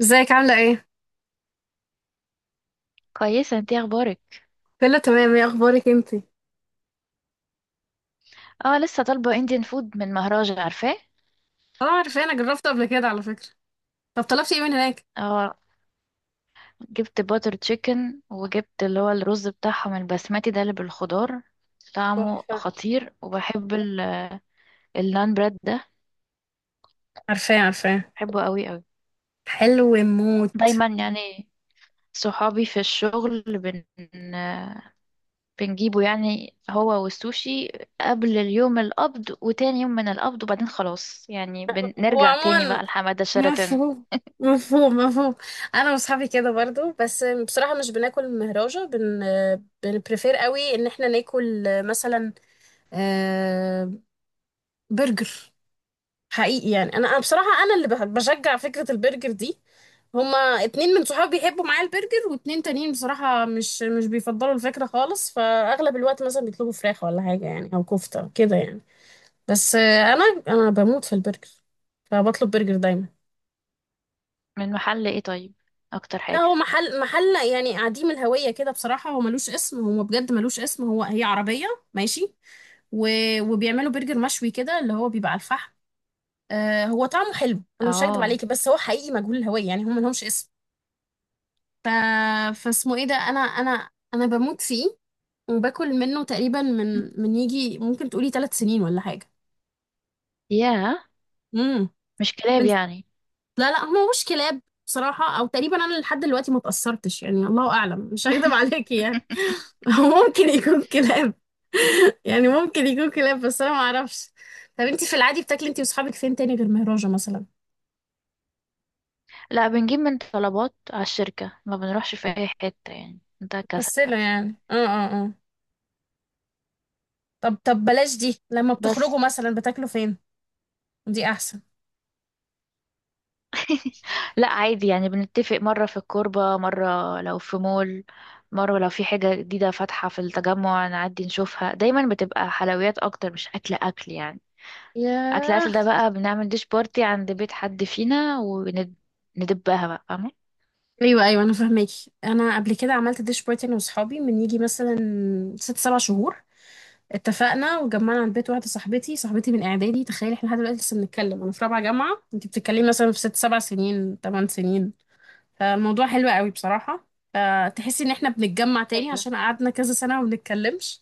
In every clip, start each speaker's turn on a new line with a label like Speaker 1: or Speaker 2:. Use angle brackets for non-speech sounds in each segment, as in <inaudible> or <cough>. Speaker 1: ازيك عاملة ايه؟
Speaker 2: كويسة، انتي اخبارك؟
Speaker 1: كله تمام، ايه اخبارك انتي؟
Speaker 2: اه لسه طالبة انديان فود من مهراج، عارفاه؟
Speaker 1: اه، عارفاه. انا جربته قبل كده على فكرة. طب طلبتي ايه من هناك؟
Speaker 2: اه جبت باتر تشيكن وجبت اللي هو الرز بتاعهم البسمتي ده اللي بالخضار. طعمه
Speaker 1: تحفة.
Speaker 2: خطير، وبحب النان بريد ده.
Speaker 1: عارفاه، عارفاه.
Speaker 2: بحبه قوي قوي،
Speaker 1: حلو موت.
Speaker 2: دايما يعني. صحابي في الشغل بنجيبه يعني، هو والسوشي، قبل اليوم القبض وتاني يوم من القبض، وبعدين خلاص يعني
Speaker 1: هو
Speaker 2: بنرجع تاني
Speaker 1: عموما
Speaker 2: بقى لحمادة شرطة.
Speaker 1: مفهوم. مفهوم، مفهوم. انا واصحابي كده برضو، بس بصراحة مش بناكل مهراجة بن. بنبريفير قوي ان احنا ناكل مثلا آه، برجر. حقيقي يعني انا، أنا بصراحة انا اللي بشجع فكرة البرجر دي. هما اتنين من صحابي بيحبوا معايا البرجر، واتنين تانيين بصراحة مش بيفضلوا الفكرة خالص، فأغلب الوقت مثلا بيطلبوا فراخ ولا حاجة يعني، أو كفتة كده يعني. بس أنا بموت في البرجر، فبطلب برجر دايما.
Speaker 2: من محل ايه طيب؟ اكتر
Speaker 1: لا،
Speaker 2: حاجة؟
Speaker 1: هو محل يعني عديم الهوية كده، بصراحة هو ملوش اسم، هو بجد ملوش اسم، هو هي عربية ماشي. و... وبيعملوا برجر مشوي كده، اللي هو بيبقى على الفحم. آه، هو طعمه حلو، أنا مش هكدب
Speaker 2: اه.
Speaker 1: عليكي، بس هو حقيقي مجهول الهوية يعني، هم ملهمش اسم. ف... فاسمه ايه ده. انا بموت فيه، وباكل منه تقريبا من يجي ممكن تقولي 3 سنين ولا حاجه.
Speaker 2: ياه.
Speaker 1: امم
Speaker 2: مش كلاب
Speaker 1: بس-
Speaker 2: يعني؟
Speaker 1: لا لا، هو مش كلاب. بصراحه او تقريبا انا لحد دلوقتي ما اتاثرتش، يعني الله اعلم، مش هكذب عليكي يعني.
Speaker 2: <laughs>
Speaker 1: <laughs> هو ممكن يكون كلاب <laughs> يعني ممكن يكون كلاب، بس انا ما اعرفش. طب انت في العادي بتاكلي انت واصحابك فين تاني غير مهراجة مثلا؟
Speaker 2: لا، بنجيب من طلبات على الشركة، ما بنروحش في أي حتة يعني، ده كسل.
Speaker 1: مكسله يعني، اه اه اه. طب بلاش دي، لما
Speaker 2: بس.
Speaker 1: بتخرجوا مثلا بتاكلوا فين؟ دي احسن.
Speaker 2: <laughs> لا عادي يعني، بنتفق مرة في الكوربة، مرة لو في مول، مرة لو في حاجة جديدة فاتحة في التجمع نعدي نشوفها. دايما بتبقى حلويات أكتر، مش أكل أكل يعني. أكل
Speaker 1: ياه.
Speaker 2: أكل ده بقى بنعمل ديش بارتي عند بيت حد فينا، وندبها بقى، فاهمة؟
Speaker 1: ايوه ايوه، انا فاهماكي. انا قبل كده عملت ديش بارتي انا واصحابي من يجي مثلا ست سبع شهور. اتفقنا وجمعنا عند بيت واحده صاحبتي من اعدادي. تخيلي احنا لحد دلوقتي لسه بنتكلم، انا في رابعه جامعه، انت بتتكلمي مثلا في ست سبع سنين، ثمان سنين. فالموضوع حلو قوي بصراحه. فتحسي ان احنا بنتجمع تاني،
Speaker 2: أيوة.
Speaker 1: عشان قعدنا كذا سنه وما بنتكلمش.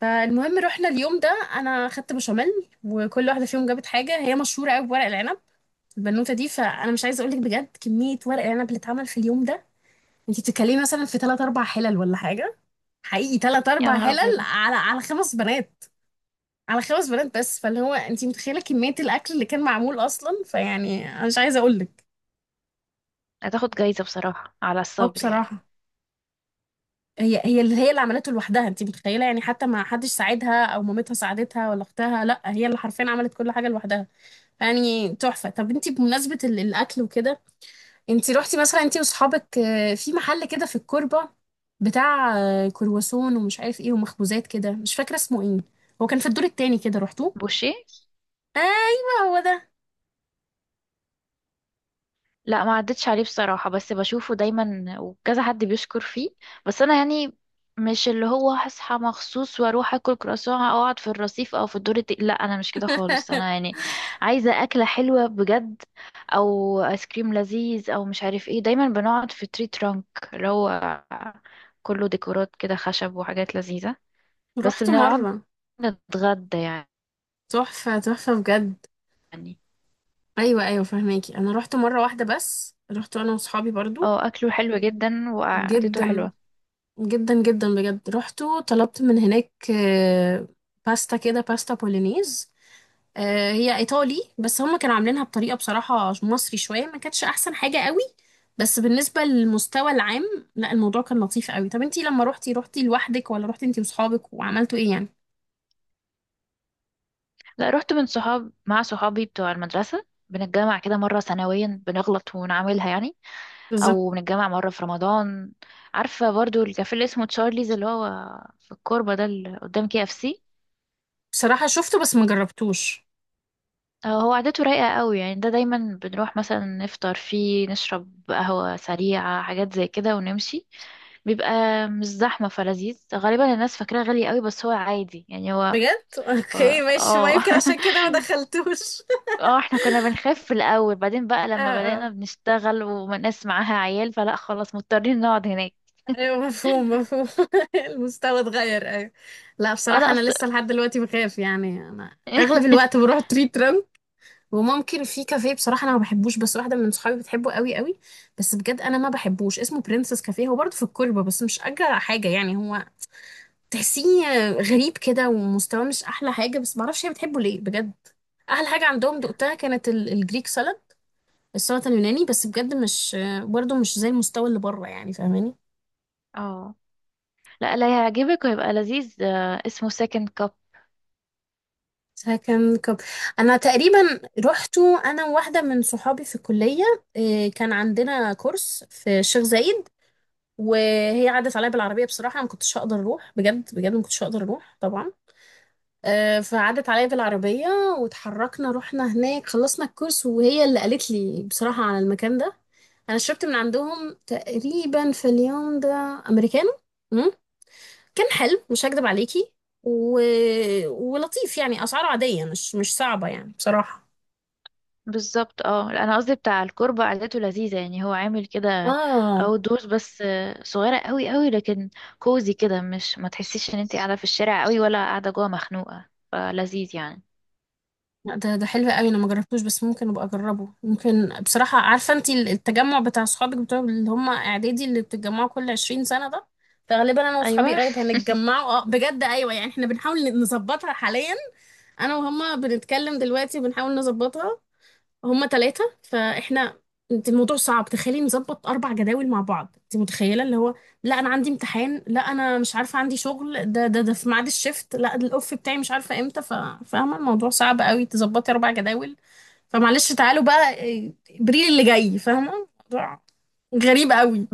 Speaker 1: فالمهم رحنا اليوم ده، انا خدت بشاميل، وكل واحده فيهم جابت حاجه. هي مشهوره قوي بورق العنب البنوته دي، فانا مش عايزه اقول لك بجد كميه ورق العنب اللي اتعمل في اليوم ده. انت بتتكلمي مثلا في ثلاث اربع حلل ولا حاجه. حقيقي ثلاث
Speaker 2: يا
Speaker 1: اربع
Speaker 2: نهار
Speaker 1: حلل
Speaker 2: أبيض.
Speaker 1: على 5 بنات، على 5 بنات بس. فاللي هو انت متخيله كميه الاكل اللي كان معمول اصلا، فيعني انا مش عايزه اقول لك.
Speaker 2: هتاخد جايزة بصراحة على
Speaker 1: اه،
Speaker 2: الصبر يعني.
Speaker 1: بصراحه هي اللي عملته لوحدها. انت متخيله يعني، حتى ما حدش ساعدها، او مامتها ساعدتها، ولا اختها. لا، هي اللي حرفيا عملت كل حاجه لوحدها، يعني تحفه. طب انت بمناسبه الاكل وكده، انتي روحتي مثلا انتي واصحابك في محل كده في الكوربة، بتاع كرواسون ومش عارف ايه، ومخبوزات كده، مش فاكرة اسمه ايه، هو كان في الدور التاني كده، روحتوه؟
Speaker 2: بوشيه؟
Speaker 1: ايوه، هو ده.
Speaker 2: لا، ما عدتش عليه بصراحة، بس بشوفه دايما وكذا حد بيشكر فيه. بس انا يعني مش اللي هو هصحى مخصوص واروح اكل كرواسون، او اقعد في الرصيف، او في الدور لا، انا مش كده خالص، انا
Speaker 1: <laughs>
Speaker 2: يعني عايزة اكلة حلوة بجد، او ايس كريم لذيذ، او مش عارف ايه. دايما بنقعد في تري ترانك، اللي هو كله ديكورات كده خشب وحاجات لذيذة. بس
Speaker 1: روحته
Speaker 2: بنقعد
Speaker 1: مرة.
Speaker 2: نتغدى يعني.
Speaker 1: تحفة، تحفة بجد. ايوه ايوه، فهماكي، انا روحته مرة واحدة، بس روحته انا واصحابي برضو.
Speaker 2: اه، اكله حلو جدا وقعدته
Speaker 1: جدا.
Speaker 2: حلوة.
Speaker 1: جدا جدا بجد. روحته طلبت من هناك باستا كده، باستا بولينيز. هي ايطالي، بس هم كانوا عاملينها بطريقه بصراحه مصري شويه، ما كانتش احسن حاجه قوي. بس بالنسبه للمستوى العام، لا، الموضوع كان لطيف قوي. طب انتي لما روحتي لوحدك ولا روحتي انتي وصحابك، وعملتوا ايه يعني؟
Speaker 2: لا، رحت من صحاب، مع صحابي بتوع المدرسة، بنتجمع كده مرة سنويا، بنغلط ونعملها يعني،
Speaker 1: بالظبط.
Speaker 2: أو بنتجمع مرة في رمضان. عارفة برضو الكافيه اللي اسمه تشارليز اللي هو في الكوربة ده، اللي قدام كي اف سي؟
Speaker 1: بصراحه شفته بس ما جربتوش.
Speaker 2: هو عادته رايقة قوي يعني، ده دايما بنروح مثلا نفطر فيه، نشرب قهوة سريعة، حاجات زي كده ونمشي. بيبقى مش زحمة فلذيذ. غالبا الناس فاكراه غالي قوي، بس هو عادي يعني هو.
Speaker 1: بجد، اوكي
Speaker 2: هو-
Speaker 1: ماشي. ما
Speaker 2: اه
Speaker 1: يمكن عشان
Speaker 2: <laughs>
Speaker 1: كده ما دخلتوش <laughs>
Speaker 2: اه، احنا كنا بنخاف في الاول، بعدين بقى
Speaker 1: اه
Speaker 2: لما
Speaker 1: اه،
Speaker 2: بدأنا بنشتغل وناس معاها عيال، فلا خلاص مضطرين نقعد هناك.
Speaker 1: ايوه مفهوم، مفهوم. <laughs> المستوى اتغير، ايوه. لا
Speaker 2: اه
Speaker 1: بصراحة
Speaker 2: لا
Speaker 1: انا
Speaker 2: أص...
Speaker 1: لسه لحد دلوقتي بخاف يعني، انا اغلب الوقت
Speaker 2: <laughs>
Speaker 1: بروح تريت، وممكن في كافيه. بصراحة أنا ما بحبوش، بس واحدة من صحابي بتحبه قوي قوي، بس بجد أنا ما بحبوش. اسمه برنسس كافيه، هو برضه في الكوربة، بس مش أجرى حاجة يعني، هو تحسيه غريب كده، ومستواه مش أحلى حاجة، بس معرفش هي بتحبه ليه بجد. أحلى حاجة عندهم دقتها، كانت الجريك سالاد، السلطة اليوناني، بس بجد مش، برضه مش زي المستوى اللي بره يعني، فاهماني.
Speaker 2: اه لا لا، هيعجبك ويبقى لذيذ. اسمه سكند كاب.
Speaker 1: فكان كب. أنا تقريبا رحته أنا وواحدة من صحابي في الكلية. كان عندنا كورس في الشيخ زايد، وهي عدت عليا بالعربيه. بصراحه ما كنتش هقدر اروح، بجد بجد ما كنتش هقدر اروح طبعا. فعدت عليا بالعربيه، واتحركنا، رحنا هناك، خلصنا الكورس، وهي اللي قالت لي بصراحه على المكان ده. انا شربت من عندهم تقريبا في اليوم ده امريكانو، مم. كان حلو، مش هكدب عليكي. و... ولطيف يعني، اسعاره عاديه، مش صعبه يعني بصراحه.
Speaker 2: بالظبط. اه لا، انا قصدي بتاع الكربة قعدته لذيذة يعني، هو عامل كده
Speaker 1: اه
Speaker 2: او دورز، بس صغيرة قوي قوي، لكن كوزي كده. مش ما تحسيش ان انت قاعدة في الشارع قوي ولا قاعدة جوه مخنوقة، فلذيذ يعني.
Speaker 1: لا، ده حلو قوي. انا ما جربتوش بس ممكن ابقى اجربه، ممكن بصراحه. عارفه انت التجمع بتاع صحابك بتوع، اللي هم اعدادي، اللي بتتجمعوا كل 20 سنه ده؟ فغالبا انا
Speaker 2: ايوه،
Speaker 1: واصحابي قريب هنتجمعوا، اه بجد، ايوه يعني احنا بنحاول نظبطها حاليا. انا وهما بنتكلم دلوقتي بنحاول نظبطها، هما ثلاثة فاحنا. انت الموضوع صعب، تخيلي نظبط 4 جداول مع بعض. انت متخيلة اللي هو، لا أنا عندي امتحان، لا أنا مش عارفة عندي شغل، ده في ميعاد الشفت، لا ده الأوف بتاعي، مش عارفة امتى. فاهمة، الموضوع صعب قوي تظبطي 4 جداول. فمعلش تعالوا بقى إبريل اللي جاي، فاهمة الموضوع غريب قوي.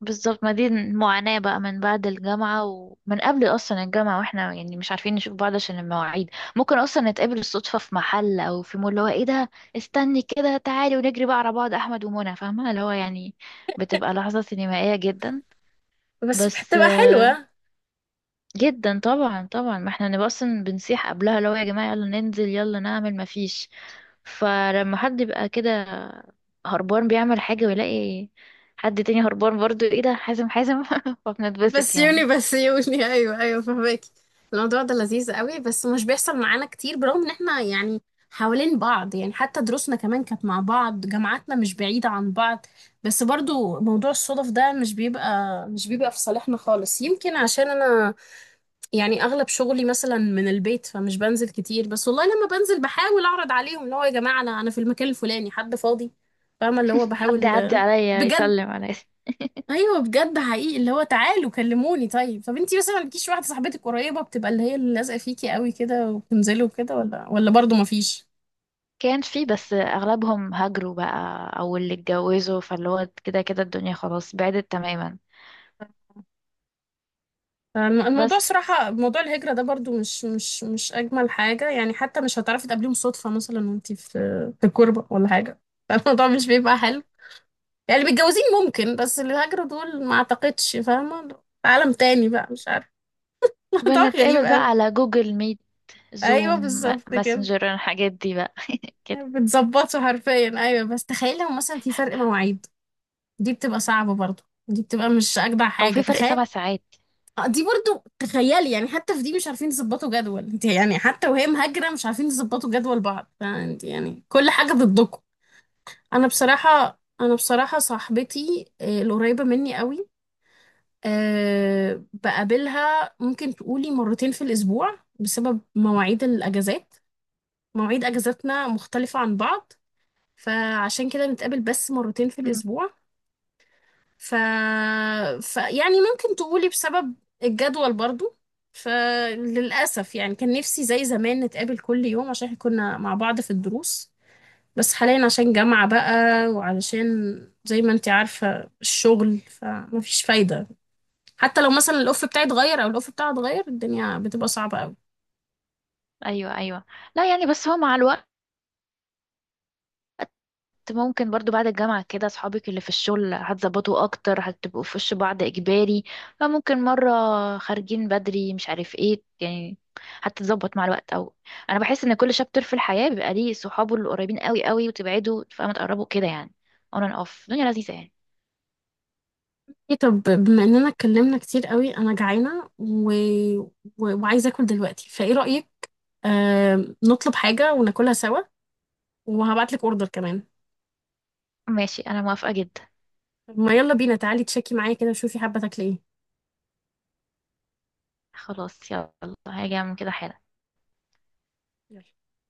Speaker 2: بالظبط. ما دي المعاناة بقى من بعد الجامعة، ومن قبل أصلا الجامعة، واحنا يعني مش عارفين نشوف بعض عشان المواعيد. ممكن أصلا نتقابل الصدفة في محل أو في مول، اللي هو ايه ده، استني كده تعالي، ونجري بقى على بعض، أحمد ومنى، فاهمة اللي هو يعني. بتبقى لحظة سينمائية جدا.
Speaker 1: بس
Speaker 2: بس
Speaker 1: بتبقى حلوة.
Speaker 2: جدا طبعا طبعا، ما احنا نبقى أصلا بنصيح قبلها اللي هو يا جماعة يلا ننزل، يلا نعمل، ما فيش. فلما حد يبقى كده هربان بيعمل حاجة، ويلاقي حد تاني هربان برضو، ايه ده حازم، حازم <laughs> فبنتبسط يعني.
Speaker 1: بسيوني، بسيوني <laughs> ايوه ايوه، فهمك. الموضوع ده لذيذ قوي، بس مش بيحصل معانا كتير، برغم ان احنا يعني حوالين بعض يعني، حتى دروسنا كمان كانت مع بعض، جامعاتنا مش بعيدة عن بعض. بس برضو موضوع الصدف ده مش بيبقى في صالحنا خالص. يمكن عشان انا يعني اغلب شغلي مثلا من البيت، فمش بنزل كتير، بس والله لما بنزل بحاول اعرض عليهم، اللي هو يا جماعة انا في المكان الفلاني، حد فاضي؟ فاهمة اللي هو
Speaker 2: حد
Speaker 1: بحاول.
Speaker 2: يعدي عليا
Speaker 1: بجد؟
Speaker 2: يسلم عليا.
Speaker 1: ايوه بجد، حقيقي اللي هو تعالوا كلموني. طيب، انتي مثلا ما لكيش واحده صاحبتك قريبه، بتبقى اللي هي اللي لازقه فيكي قوي كده، وبتنزلوا كده؟ ولا برضو ما فيش؟
Speaker 2: كان في، بس اغلبهم هاجروا بقى، او اللي اتجوزوا، فاللي هو كده كده الدنيا خلاص بعدت تماما.
Speaker 1: الموضوع
Speaker 2: بس
Speaker 1: صراحه، موضوع الهجره ده برضو مش اجمل حاجه يعني. حتى مش هتعرفي تقابليهم صدفه مثلا، وانتي في الكربه ولا حاجه <laughs> فالموضوع مش بيبقى حلو، يعني متجوزين ممكن، بس اللي هاجروا دول ما اعتقدش، فاهمه، عالم تاني بقى مش عارفه <laughs> الموضوع غريب
Speaker 2: بنتقابل بقى
Speaker 1: قوي.
Speaker 2: على جوجل ميت،
Speaker 1: ايوه
Speaker 2: زوم،
Speaker 1: بالظبط كده.
Speaker 2: ماسنجر، الحاجات دي بقى كده.
Speaker 1: بتظبطه حرفيا، ايوه. بس تخيل لو مثلا في فرق مواعيد، دي بتبقى صعبة برضو، دي بتبقى مش أجدع
Speaker 2: هو
Speaker 1: حاجة،
Speaker 2: في فرق
Speaker 1: تخيل.
Speaker 2: 7 ساعات.
Speaker 1: دي برضو تخيلي يعني، حتى في دي مش عارفين يظبطوا جدول. انت يعني حتى وهي مهاجرة مش عارفين يظبطوا جدول بعض، فانت يعني كل حاجة ضدكم. أنا بصراحة صاحبتي القريبة مني قوي، بقابلها ممكن تقولي مرتين في الأسبوع بسبب مواعيد الأجازات. مواعيد أجازاتنا مختلفة عن بعض، فعشان كده نتقابل بس مرتين في
Speaker 2: امم.
Speaker 1: الأسبوع. ف... يعني ممكن تقولي بسبب الجدول برضو. فللأسف يعني، كان نفسي زي زمان نتقابل كل يوم، عشان احنا كنا مع بعض في الدروس، بس حاليا عشان جامعة بقى، وعلشان زي ما انتي عارفة الشغل، فمفيش فايدة. حتى لو مثلا الأوف بتاعي اتغير، أو الأوف بتاعها اتغير، الدنيا بتبقى صعبة قوي.
Speaker 2: ايوه ايوه. لا يعني، بس هو مع الوقت ممكن برضو بعد الجامعة كده أصحابك اللي في الشغل هتظبطوا أكتر، هتبقوا في وش بعض إجباري. فممكن مرة خارجين بدري مش عارف ايه يعني، هتتظبط مع الوقت. أو أنا بحس إن كل شابتر في الحياة بيبقى ليه صحابه اللي قريبين قوي قوي، وتبعدوا فما تقربوا كده يعني. on and off الدنيا لذيذة يعني.
Speaker 1: ايه، طب بما اننا اتكلمنا كتير قوي، انا جعانة وعايزة اكل دلوقتي، فايه رأيك؟ نطلب حاجة وناكلها سوا، وهبعتلك اوردر كمان.
Speaker 2: ماشي، أنا موافقة جدا.
Speaker 1: طب ما يلا بينا، تعالي تشيكي معايا كده وشوفي حابة تاكلي ايه.
Speaker 2: خلاص يلا، هاجي أعمل كده حالا.
Speaker 1: يلا.